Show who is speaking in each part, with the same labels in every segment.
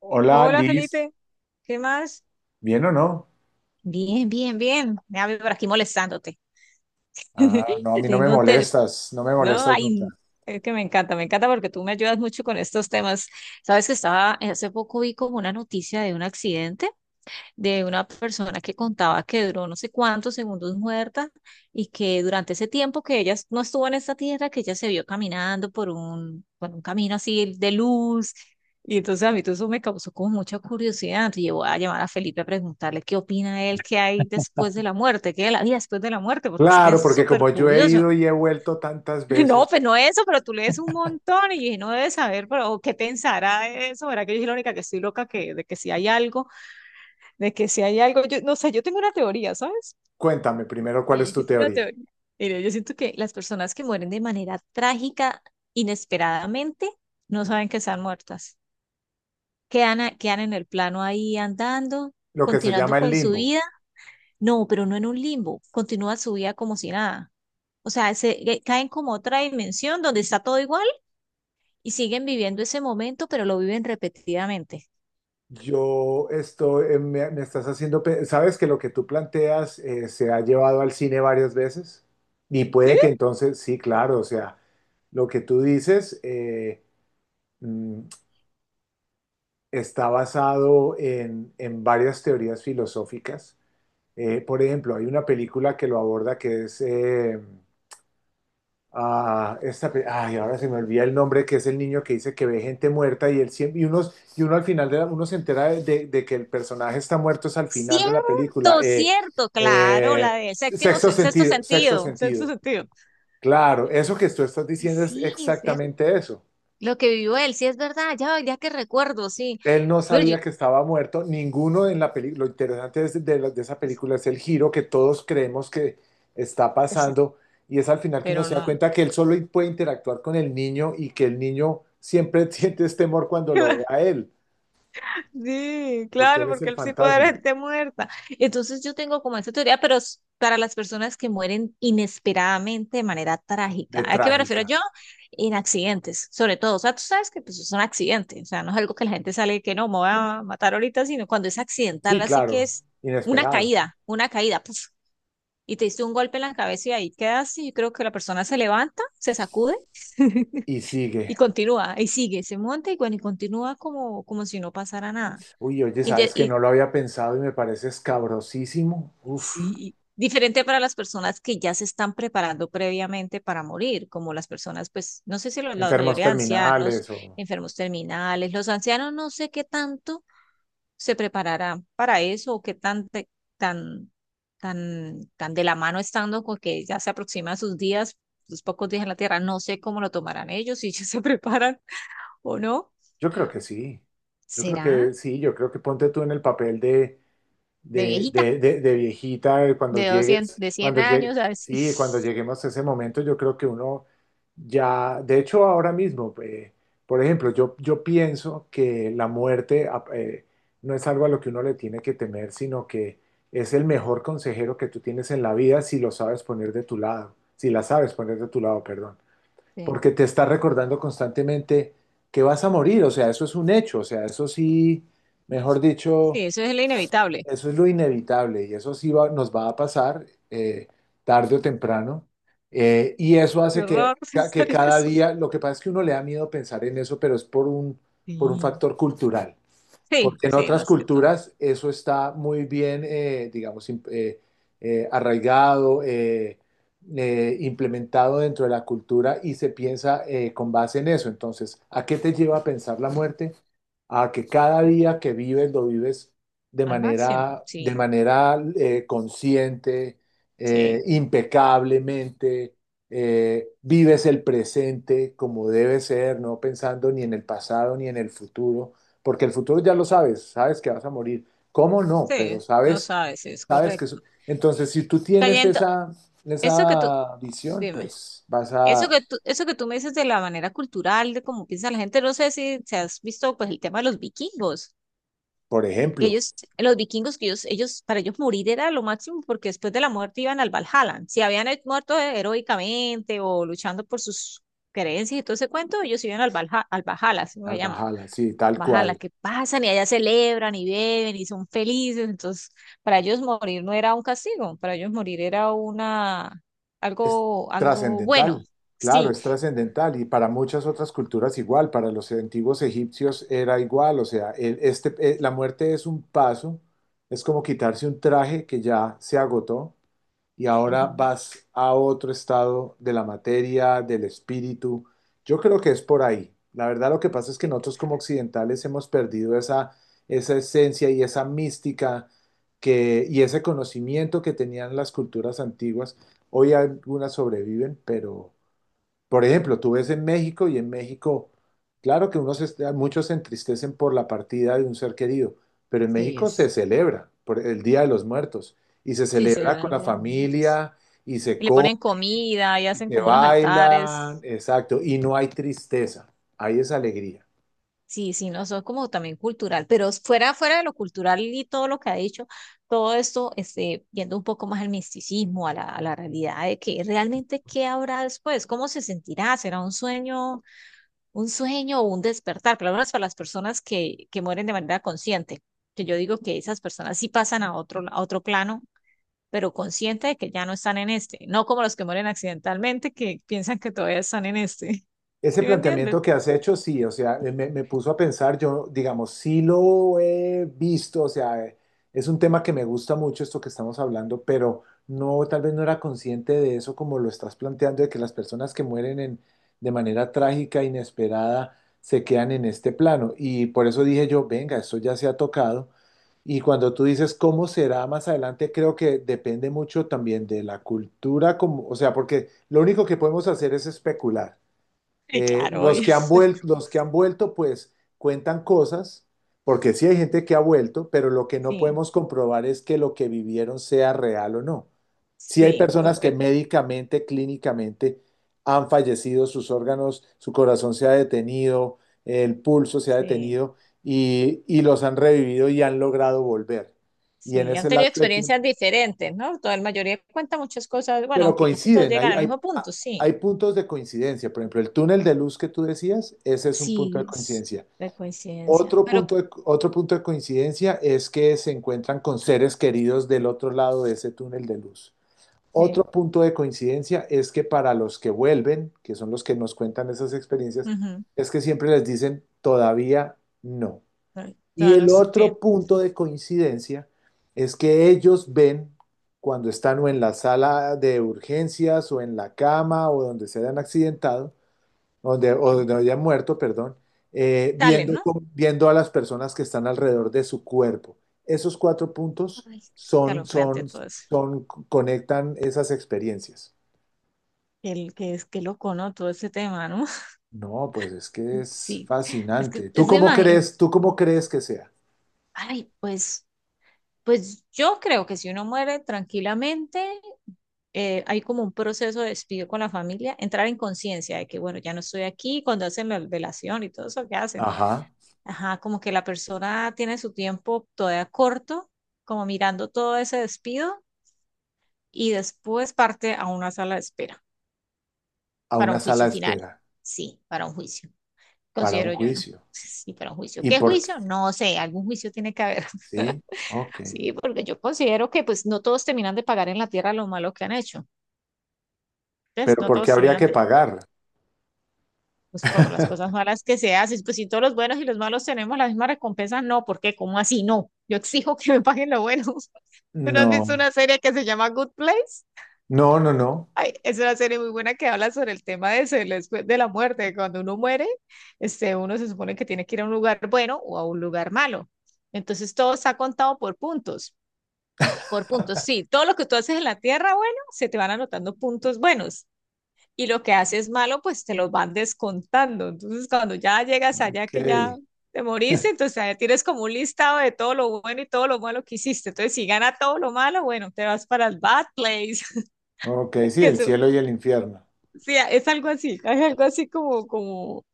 Speaker 1: Hola,
Speaker 2: Hola
Speaker 1: Liz,
Speaker 2: Felipe, ¿qué más?
Speaker 1: ¿bien o no?
Speaker 2: Bien, bien, bien. Déjame por aquí molestándote.
Speaker 1: Ah, no, a mí no me
Speaker 2: Tengo un te-
Speaker 1: molestas, no me
Speaker 2: No,
Speaker 1: molestas nunca.
Speaker 2: ay, es que me encanta porque tú me ayudas mucho con estos temas. Sabes que hace poco vi como una noticia de un accidente, de una persona que contaba que duró no sé cuántos segundos muerta y que durante ese tiempo que ella no estuvo en esta tierra, que ella se vio caminando por un camino así de luz. Y entonces a mí todo eso me causó como mucha curiosidad. Entonces yo voy a llamar a Felipe a preguntarle qué opina él, qué hay después de la muerte, qué es la vida después de la muerte, porque es que
Speaker 1: Claro,
Speaker 2: es
Speaker 1: porque
Speaker 2: súper
Speaker 1: como yo he
Speaker 2: curioso.
Speaker 1: ido y he vuelto tantas
Speaker 2: No,
Speaker 1: veces,
Speaker 2: pues no eso, pero tú lees un montón y dije, no debes saber, pero ¿qué pensará de eso? ¿Verdad que yo soy la única que estoy loca que, de que si hay algo? De que si hay algo, yo no sé, yo tengo una teoría, ¿sabes?
Speaker 1: cuéntame primero cuál es
Speaker 2: Sí, yo
Speaker 1: tu
Speaker 2: sí tengo
Speaker 1: teoría.
Speaker 2: teoría. Mira, yo siento que las personas que mueren de manera trágica, inesperadamente, no saben que están muertas. Quedan en el plano ahí andando,
Speaker 1: Lo que se
Speaker 2: continuando
Speaker 1: llama el
Speaker 2: con su
Speaker 1: limbo.
Speaker 2: vida. No, pero no en un limbo, continúa su vida como si nada. O sea, se, caen como a otra dimensión donde está todo igual y siguen viviendo ese momento, pero lo viven repetidamente.
Speaker 1: Yo estoy, me estás haciendo, sabes que lo que tú planteas se ha llevado al cine varias veces y
Speaker 2: ¿Sí?
Speaker 1: puede que entonces, sí, claro, o sea, lo que tú dices mm, está basado en varias teorías filosóficas. Por ejemplo, hay una película que lo aborda que es esta, ay, ahora se me olvida el nombre, que es el niño que dice que ve gente muerta y, él, y, unos, y uno al final uno se entera de que el personaje está muerto es al final de la película.
Speaker 2: Cierto, cierto, claro, la del séptimo,
Speaker 1: Sexto
Speaker 2: sexto
Speaker 1: sentido, sexto
Speaker 2: sentido, sexto
Speaker 1: sentido.
Speaker 2: sentido.
Speaker 1: Claro, eso que tú estás
Speaker 2: Ay,
Speaker 1: diciendo es
Speaker 2: sí, es cierto.
Speaker 1: exactamente eso.
Speaker 2: Lo que vivió él, sí es verdad, ya, ya que recuerdo, sí.
Speaker 1: Él no
Speaker 2: Pero yo,
Speaker 1: sabía que estaba muerto, ninguno en la película, lo interesante es de esa película es el giro que todos creemos que está
Speaker 2: el sí,
Speaker 1: pasando y es al final que uno
Speaker 2: pero
Speaker 1: se da
Speaker 2: no.
Speaker 1: cuenta que él solo puede interactuar con el niño y que el niño siempre siente este temor cuando lo ve a él,
Speaker 2: Sí,
Speaker 1: porque
Speaker 2: claro,
Speaker 1: él es
Speaker 2: porque
Speaker 1: el
Speaker 2: él sí puede haber
Speaker 1: fantasma
Speaker 2: gente muerta. Entonces yo tengo como esa teoría, pero es para las personas que mueren inesperadamente de manera trágica.
Speaker 1: de
Speaker 2: ¿A qué me refiero
Speaker 1: trágica.
Speaker 2: yo? En accidentes, sobre todo. O sea, tú sabes que pues, es un accidente. O sea, no es algo que la gente sale que no, me voy a matar ahorita, sino cuando es accidental,
Speaker 1: Sí,
Speaker 2: así que
Speaker 1: claro,
Speaker 2: es
Speaker 1: inesperado.
Speaker 2: una caída, puf, y te diste un golpe en la cabeza y ahí quedas. Y yo creo que la persona se levanta, se sacude
Speaker 1: Y
Speaker 2: y
Speaker 1: sigue.
Speaker 2: continúa, y sigue, se monta y bueno, y continúa como si no pasara nada.
Speaker 1: Uy, oye,
Speaker 2: Inte-
Speaker 1: sabes que
Speaker 2: Y,
Speaker 1: no lo había pensado y me parece escabrosísimo. Uf,
Speaker 2: Sí, diferente para las personas que ya se están preparando previamente para morir, como las personas, pues, no sé si la
Speaker 1: enfermos
Speaker 2: mayoría de ancianos,
Speaker 1: terminales o...
Speaker 2: enfermos terminales, los ancianos no sé qué tanto se prepararán para eso o qué tan, tan, tan, tan de la mano estando con que ya se aproximan sus días, sus pocos días en la tierra, no sé cómo lo tomarán ellos, si ellos se preparan o no.
Speaker 1: Yo creo que sí, yo creo que
Speaker 2: ¿Será
Speaker 1: sí, yo creo que ponte tú en el papel de,
Speaker 2: de viejita?
Speaker 1: de viejita cuando
Speaker 2: De 200,
Speaker 1: llegues,
Speaker 2: de 100
Speaker 1: cuando llegue,
Speaker 2: años, a ver si.
Speaker 1: sí, cuando lleguemos a ese momento, yo creo que uno ya, de hecho ahora mismo, por ejemplo, yo pienso que la muerte no es algo a lo que uno le tiene que temer, sino que es el mejor consejero que tú tienes en la vida si lo sabes poner de tu lado, si la sabes poner de tu lado, perdón,
Speaker 2: Sí.
Speaker 1: porque te está recordando constantemente que vas a morir, o sea, eso es un hecho, o sea, eso sí, mejor
Speaker 2: Sí,
Speaker 1: dicho,
Speaker 2: eso es lo inevitable.
Speaker 1: eso es lo inevitable y eso sí nos va a pasar tarde o temprano. Y eso
Speaker 2: Qué
Speaker 1: hace que,
Speaker 2: horror
Speaker 1: que
Speaker 2: pensar en
Speaker 1: cada
Speaker 2: eso.
Speaker 1: día, lo que pasa es que uno le da miedo pensar en eso, pero es por un
Speaker 2: Sí.
Speaker 1: factor cultural.
Speaker 2: Sí,
Speaker 1: Porque en
Speaker 2: sí,
Speaker 1: otras
Speaker 2: más que todo.
Speaker 1: culturas eso está muy bien, digamos, arraigado, implementado dentro de la cultura y se piensa con base en eso. Entonces, ¿a qué te lleva a pensar la muerte? A que cada día que vives lo vives
Speaker 2: Al máximo.
Speaker 1: de
Speaker 2: Sí,
Speaker 1: manera consciente,
Speaker 2: sí,
Speaker 1: impecablemente, vives el presente como debe ser, no pensando ni en el pasado ni en el futuro porque el futuro ya lo sabes, sabes que vas a morir. ¿Cómo no?
Speaker 2: sí.
Speaker 1: Pero
Speaker 2: No
Speaker 1: sabes,
Speaker 2: sabes, es
Speaker 1: sabes que...
Speaker 2: correcto.
Speaker 1: Entonces, si tú tienes
Speaker 2: Cayendo,
Speaker 1: esa,
Speaker 2: eso que tú,
Speaker 1: esa visión,
Speaker 2: dime.
Speaker 1: pues vas
Speaker 2: Eso
Speaker 1: a,
Speaker 2: que tú, eso que tú me dices de la manera cultural, de cómo piensa la gente, no sé si se has visto pues el tema de los vikingos,
Speaker 1: por
Speaker 2: que
Speaker 1: ejemplo,
Speaker 2: ellos, los vikingos, que ellos, para ellos morir era lo máximo porque después de la muerte iban al Valhalla. Si habían muerto heroicamente o luchando por sus creencias y todo ese cuento, ellos iban al Valhalla, así lo
Speaker 1: al
Speaker 2: llaman.
Speaker 1: Valhalla, sí, tal
Speaker 2: Valhalla,
Speaker 1: cual.
Speaker 2: que pasan y allá celebran y beben y son felices. Entonces, para ellos morir no era un castigo, para ellos morir era
Speaker 1: Es
Speaker 2: algo, algo bueno.
Speaker 1: trascendental, claro,
Speaker 2: Sí.
Speaker 1: es trascendental y para muchas otras culturas igual, para los antiguos egipcios era igual, o sea, este, la muerte es un paso, es como quitarse un traje que ya se agotó y ahora
Speaker 2: Ujú.
Speaker 1: vas a otro estado de la materia, del espíritu. Yo creo que es por ahí. La verdad lo que pasa es que
Speaker 2: Sí,
Speaker 1: nosotros como occidentales hemos perdido esa, esa esencia y esa mística que, y ese conocimiento que tenían las culturas antiguas. Hoy algunas sobreviven, pero, por ejemplo, tú ves en México y en México, claro que unos muchos se entristecen por la partida de un ser querido, pero en
Speaker 2: sí,
Speaker 1: México se
Speaker 2: es,
Speaker 1: celebra por el Día de los Muertos y se
Speaker 2: sí, se le
Speaker 1: celebra
Speaker 2: da
Speaker 1: con
Speaker 2: el
Speaker 1: la
Speaker 2: Día de los Muertos.
Speaker 1: familia y se
Speaker 2: Y le
Speaker 1: come,
Speaker 2: ponen comida y hacen
Speaker 1: se
Speaker 2: como unos
Speaker 1: baila,
Speaker 2: altares.
Speaker 1: exacto, y no hay tristeza, hay esa alegría.
Speaker 2: Sí, sí, no, eso es como también cultural, pero fuera, fuera de lo cultural y todo lo que ha dicho, todo esto, este, viendo un poco más al misticismo, a la, realidad de que realmente qué habrá después, cómo se sentirá, será un sueño o un despertar, por lo menos para las personas que, mueren de manera consciente, que yo digo que esas personas sí pasan a otro plano, pero consciente de que ya no están en este, no como los que mueren accidentalmente que piensan que todavía están en este.
Speaker 1: Ese
Speaker 2: ¿Sí me entiendes?
Speaker 1: planteamiento que has hecho, sí, o sea, me puso a pensar, yo, digamos, sí lo he visto, o sea, es un tema que me gusta mucho esto que estamos hablando, pero no, tal vez no era consciente de eso como lo estás planteando, de que las personas que mueren en, de manera trágica, inesperada, se quedan en este plano. Y por eso dije yo, venga, esto ya se ha tocado. Y cuando tú dices cómo será más adelante, creo que depende mucho también de la cultura, como, o sea, porque lo único que podemos hacer es especular.
Speaker 2: Sí, claro,
Speaker 1: Los
Speaker 2: obvio.
Speaker 1: que han vuelto, los que han vuelto, pues cuentan cosas, porque sí hay gente que ha vuelto, pero lo que no
Speaker 2: Sí,
Speaker 1: podemos comprobar es que lo que vivieron sea real o no. Sí hay
Speaker 2: sí,
Speaker 1: personas que
Speaker 2: porque
Speaker 1: médicamente, clínicamente han fallecido, sus órganos, su corazón se ha detenido, el pulso se ha
Speaker 2: sí,
Speaker 1: detenido y los han revivido y han logrado volver. Y en
Speaker 2: sí, han
Speaker 1: ese
Speaker 2: tenido
Speaker 1: lapso de
Speaker 2: experiencias
Speaker 1: tiempo,
Speaker 2: diferentes, ¿no? Toda la mayoría cuenta muchas cosas, bueno,
Speaker 1: pero
Speaker 2: aunque casi todos
Speaker 1: coinciden,
Speaker 2: llegan al mismo punto, sí,
Speaker 1: hay puntos de coincidencia. Por ejemplo, el túnel de luz que tú decías, ese es un punto de
Speaker 2: sí, es
Speaker 1: coincidencia.
Speaker 2: de coincidencia, pero
Speaker 1: Otro punto de coincidencia es que se encuentran con seres queridos del otro lado de ese túnel de luz. Otro
Speaker 2: sí,
Speaker 1: punto de coincidencia es que para los que vuelven, que son los que nos cuentan esas experiencias,
Speaker 2: ujú,
Speaker 1: es que siempre les dicen todavía no.
Speaker 2: ay,
Speaker 1: Y
Speaker 2: todavía no
Speaker 1: el
Speaker 2: es su
Speaker 1: otro
Speaker 2: tiempo.
Speaker 1: punto
Speaker 2: Sí.
Speaker 1: de coincidencia es que ellos ven cuando están o en la sala de urgencias o en la cama o donde se hayan accidentado, donde, o
Speaker 2: Sí.
Speaker 1: donde haya muerto, perdón,
Speaker 2: Dale,
Speaker 1: viendo,
Speaker 2: ¿no?
Speaker 1: viendo a las personas que están alrededor de su cuerpo. Esos cuatro puntos
Speaker 2: Ay,
Speaker 1: son,
Speaker 2: escalofriante
Speaker 1: son,
Speaker 2: todo eso.
Speaker 1: son, conectan esas experiencias.
Speaker 2: Qué loco, ¿no? Todo ese tema, ¿no?
Speaker 1: No, pues es que es
Speaker 2: Sí, es que,
Speaker 1: fascinante.
Speaker 2: es que
Speaker 1: Tú cómo crees que sea?
Speaker 2: ay, pues yo creo que si uno muere tranquilamente, hay como un proceso de despido con la familia, entrar en conciencia de que, bueno, ya no estoy aquí, cuando hacen la velación y todo eso que hacen,
Speaker 1: Ajá,
Speaker 2: ajá, como que la persona tiene su tiempo todavía corto, como mirando todo ese despido, y después parte a una sala de espera
Speaker 1: a
Speaker 2: para
Speaker 1: una
Speaker 2: un
Speaker 1: sala
Speaker 2: juicio
Speaker 1: de
Speaker 2: final.
Speaker 1: espera
Speaker 2: Sí, para un juicio,
Speaker 1: para un
Speaker 2: considero yo, ¿no?
Speaker 1: juicio.
Speaker 2: Sí, para un juicio.
Speaker 1: ¿Y
Speaker 2: ¿Qué
Speaker 1: por qué?
Speaker 2: juicio? No sé, algún juicio tiene que haber.
Speaker 1: Sí, ok.
Speaker 2: Sí, porque yo considero que pues no todos terminan de pagar en la tierra lo malo que han hecho. Entonces,
Speaker 1: Pero
Speaker 2: no
Speaker 1: ¿por qué
Speaker 2: todos
Speaker 1: habría
Speaker 2: terminan
Speaker 1: que
Speaker 2: de,
Speaker 1: pagar?
Speaker 2: pues por las cosas malas que se hacen. Pues si todos los buenos y los malos tenemos la misma recompensa, no, ¿por qué? ¿Cómo así? No, yo exijo que me paguen lo bueno. ¿Tú no has visto
Speaker 1: No,
Speaker 2: una serie que se llama Good Place?
Speaker 1: no, no, no.
Speaker 2: Ay, es una serie muy buena que habla sobre el tema de, eso, del después de la muerte. Cuando uno muere, este, uno se supone que tiene que ir a un lugar bueno o a un lugar malo. Entonces, todo está contado por puntos. Por puntos, sí. Todo lo que tú haces en la tierra, bueno, se te van anotando puntos buenos. Y lo que haces malo, pues te los van descontando. Entonces, cuando ya llegas allá
Speaker 1: Ok,
Speaker 2: que ya te moriste, entonces ahí tienes como un listado de todo lo bueno y todo lo malo que hiciste. Entonces, si gana todo lo malo, bueno, te vas para el Bad Place.
Speaker 1: ok, sí,
Speaker 2: Que
Speaker 1: el
Speaker 2: eso-
Speaker 1: cielo y el infierno.
Speaker 2: sí, es algo así, es algo así como, como,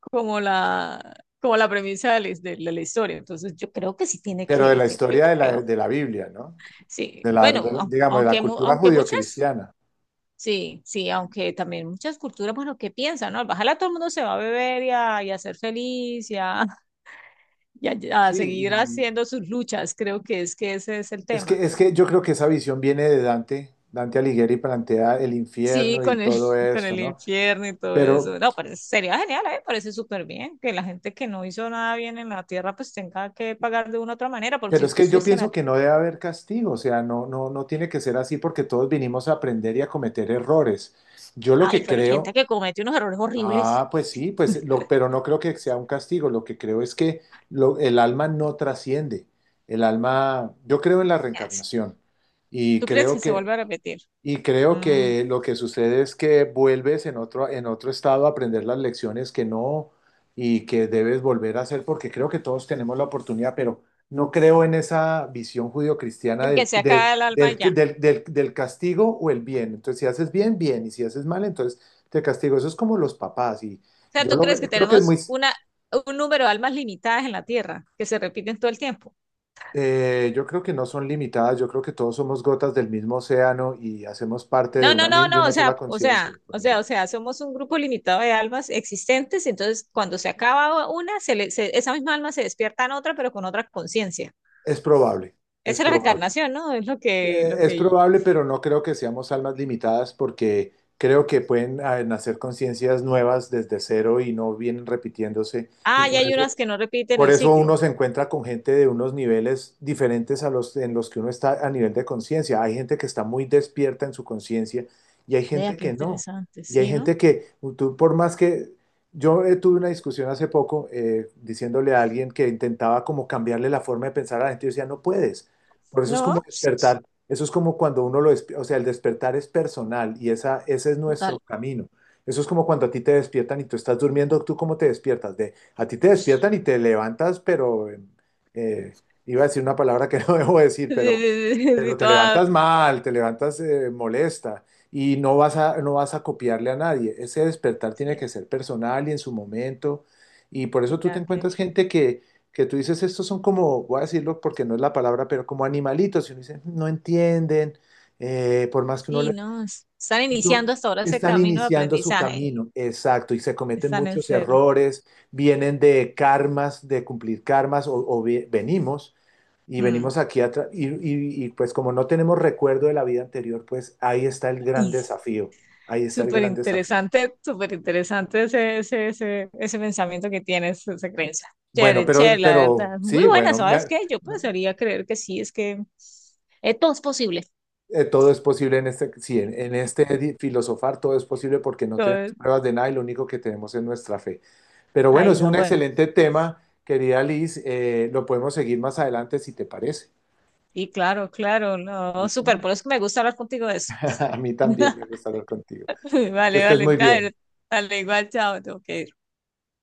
Speaker 2: como la, como la premisa de la, la historia. Entonces, yo creo que sí tiene
Speaker 1: Pero de
Speaker 2: que,
Speaker 1: la
Speaker 2: yo
Speaker 1: historia
Speaker 2: creo.
Speaker 1: de la Biblia, ¿no?
Speaker 2: Sí,
Speaker 1: De la,
Speaker 2: bueno,
Speaker 1: digamos, de la
Speaker 2: aunque,
Speaker 1: cultura
Speaker 2: aunque muchas.
Speaker 1: judio-cristiana.
Speaker 2: Sí, sí, aunque también muchas culturas, bueno, ¿qué piensan, no? Al bajarla todo el mundo se va a beber y a, ser feliz y, a, y a
Speaker 1: Sí,
Speaker 2: seguir
Speaker 1: y
Speaker 2: haciendo sus luchas, creo que es que ese es el tema.
Speaker 1: es que yo creo que esa visión viene de Dante. Dante Alighieri plantea el
Speaker 2: Sí,
Speaker 1: infierno y
Speaker 2: con el,
Speaker 1: todo
Speaker 2: con
Speaker 1: esto,
Speaker 2: el
Speaker 1: ¿no?
Speaker 2: infierno y todo eso.
Speaker 1: Pero,
Speaker 2: No, parece, sería genial, ¿eh? Parece súper bien que la gente que no hizo nada bien en la tierra pues tenga que pagar de una u otra manera, porque
Speaker 1: pero
Speaker 2: si
Speaker 1: es
Speaker 2: tú
Speaker 1: que yo
Speaker 2: estuviste en la...
Speaker 1: pienso que no debe haber castigo, o sea, no, no, no tiene que ser así porque todos vinimos a aprender y a cometer errores. Yo lo
Speaker 2: Ay,
Speaker 1: que
Speaker 2: pero hay gente
Speaker 1: creo.
Speaker 2: que comete unos errores horribles.
Speaker 1: Ah, pues sí, pues lo, pero no creo que sea un castigo. Lo que creo es que el alma no trasciende. El alma, yo creo en la
Speaker 2: ¿Qué hace?
Speaker 1: reencarnación y
Speaker 2: ¿Tú crees que
Speaker 1: creo
Speaker 2: se
Speaker 1: que
Speaker 2: vuelve a repetir?
Speaker 1: y creo
Speaker 2: Mm,
Speaker 1: que lo que sucede es que vuelves en otro estado a aprender las lecciones que no y que debes volver a hacer, porque creo que todos tenemos la oportunidad, pero no creo en esa visión judio-cristiana
Speaker 2: de que se acaba el alma y ya.
Speaker 1: del castigo o el bien. Entonces, si haces bien, bien, y si haces mal, entonces te castigo. Eso es como los papás, y
Speaker 2: Sea,
Speaker 1: yo
Speaker 2: ¿tú
Speaker 1: lo,
Speaker 2: crees que
Speaker 1: creo que es muy,
Speaker 2: tenemos un número de almas limitadas en la Tierra que se repiten todo el tiempo?
Speaker 1: yo creo que no son limitadas, yo creo que todos somos gotas del mismo océano y hacemos parte de
Speaker 2: No, no,
Speaker 1: una,
Speaker 2: no,
Speaker 1: de
Speaker 2: no, o
Speaker 1: una
Speaker 2: sea,
Speaker 1: sola
Speaker 2: o
Speaker 1: conciencia.
Speaker 2: sea, o sea, o sea, somos un grupo limitado de almas existentes, entonces cuando se acaba una, esa misma alma se despierta en otra, pero con otra conciencia.
Speaker 1: Es probable, es
Speaker 2: Esa es la
Speaker 1: probable.
Speaker 2: reencarnación, ¿no? Es lo que, lo
Speaker 1: Es
Speaker 2: que...
Speaker 1: probable, pero no creo que seamos almas limitadas porque creo que pueden nacer conciencias nuevas desde cero y no vienen repitiéndose. Y
Speaker 2: Ah, y hay unas que no repiten
Speaker 1: por
Speaker 2: el
Speaker 1: eso
Speaker 2: ciclo.
Speaker 1: uno se encuentra con gente de unos niveles diferentes a los en los que uno está a nivel de conciencia. Hay gente que está muy despierta en su conciencia y hay
Speaker 2: Vea,
Speaker 1: gente
Speaker 2: qué
Speaker 1: que no.
Speaker 2: interesante,
Speaker 1: Y hay
Speaker 2: ¿sí, no?
Speaker 1: gente que, tú, por más que yo tuve una discusión hace poco diciéndole a alguien que intentaba como cambiarle la forma de pensar a la gente, yo decía, no puedes. Por eso es
Speaker 2: No,
Speaker 1: como despertar. Eso es como cuando uno lo, o sea, el despertar es personal y esa, ese es nuestro
Speaker 2: total.
Speaker 1: camino. Eso es como cuando a ti te despiertan y tú estás durmiendo, ¿tú cómo te despiertas? De a ti te despiertan y te levantas, pero eh, iba a decir una palabra que no debo decir,
Speaker 2: Sí, sí, sí, sí,
Speaker 1: pero te
Speaker 2: toda...
Speaker 1: levantas mal, te levantas molesta y no vas a, no vas a copiarle a nadie. Ese despertar tiene
Speaker 2: sí,
Speaker 1: que ser personal y en su momento. Y por
Speaker 2: de
Speaker 1: eso tú te
Speaker 2: cada
Speaker 1: encuentras
Speaker 2: quien.
Speaker 1: gente que tú dices, estos son como, voy a decirlo porque no es la palabra, pero como animalitos. Y uno dice, no entienden, por más que uno
Speaker 2: Sí, no, están iniciando
Speaker 1: son-
Speaker 2: hasta ahora ese
Speaker 1: están
Speaker 2: camino de
Speaker 1: iniciando su
Speaker 2: aprendizaje.
Speaker 1: camino, exacto, y se cometen
Speaker 2: Están en
Speaker 1: muchos
Speaker 2: cero.
Speaker 1: errores, vienen de karmas, de cumplir karmas, o venimos, y
Speaker 2: Mm.
Speaker 1: venimos aquí atrás, y, y, pues como no tenemos recuerdo de la vida anterior, pues ahí está el gran
Speaker 2: Y s-
Speaker 1: desafío, ahí está el
Speaker 2: Súper
Speaker 1: gran desafío.
Speaker 2: interesante, súper interesante ese pensamiento que tienes, esa creencia.
Speaker 1: Bueno,
Speaker 2: Chévere, chévere, la
Speaker 1: pero
Speaker 2: verdad. Muy
Speaker 1: sí,
Speaker 2: buena,
Speaker 1: bueno,
Speaker 2: ¿sabes qué? Yo
Speaker 1: no,
Speaker 2: pensaría creer que sí, es que todo es posible.
Speaker 1: todo es posible en este, sí, en este filosofar todo es posible porque no
Speaker 2: Todo
Speaker 1: tenemos
Speaker 2: es-
Speaker 1: pruebas de nada y lo único que tenemos es nuestra fe. Pero bueno,
Speaker 2: Ay,
Speaker 1: es
Speaker 2: no,
Speaker 1: un
Speaker 2: bueno.
Speaker 1: excelente tema, querida Liz. Lo podemos seguir más adelante si te parece.
Speaker 2: Y claro, claro, no, súper,
Speaker 1: ¿Listo?
Speaker 2: por eso que me gusta hablar contigo de eso.
Speaker 1: A mí también me gusta hablar contigo. Que
Speaker 2: Vale,
Speaker 1: estés
Speaker 2: vale,
Speaker 1: muy bien.
Speaker 2: dale, dale, igual, chao, tengo que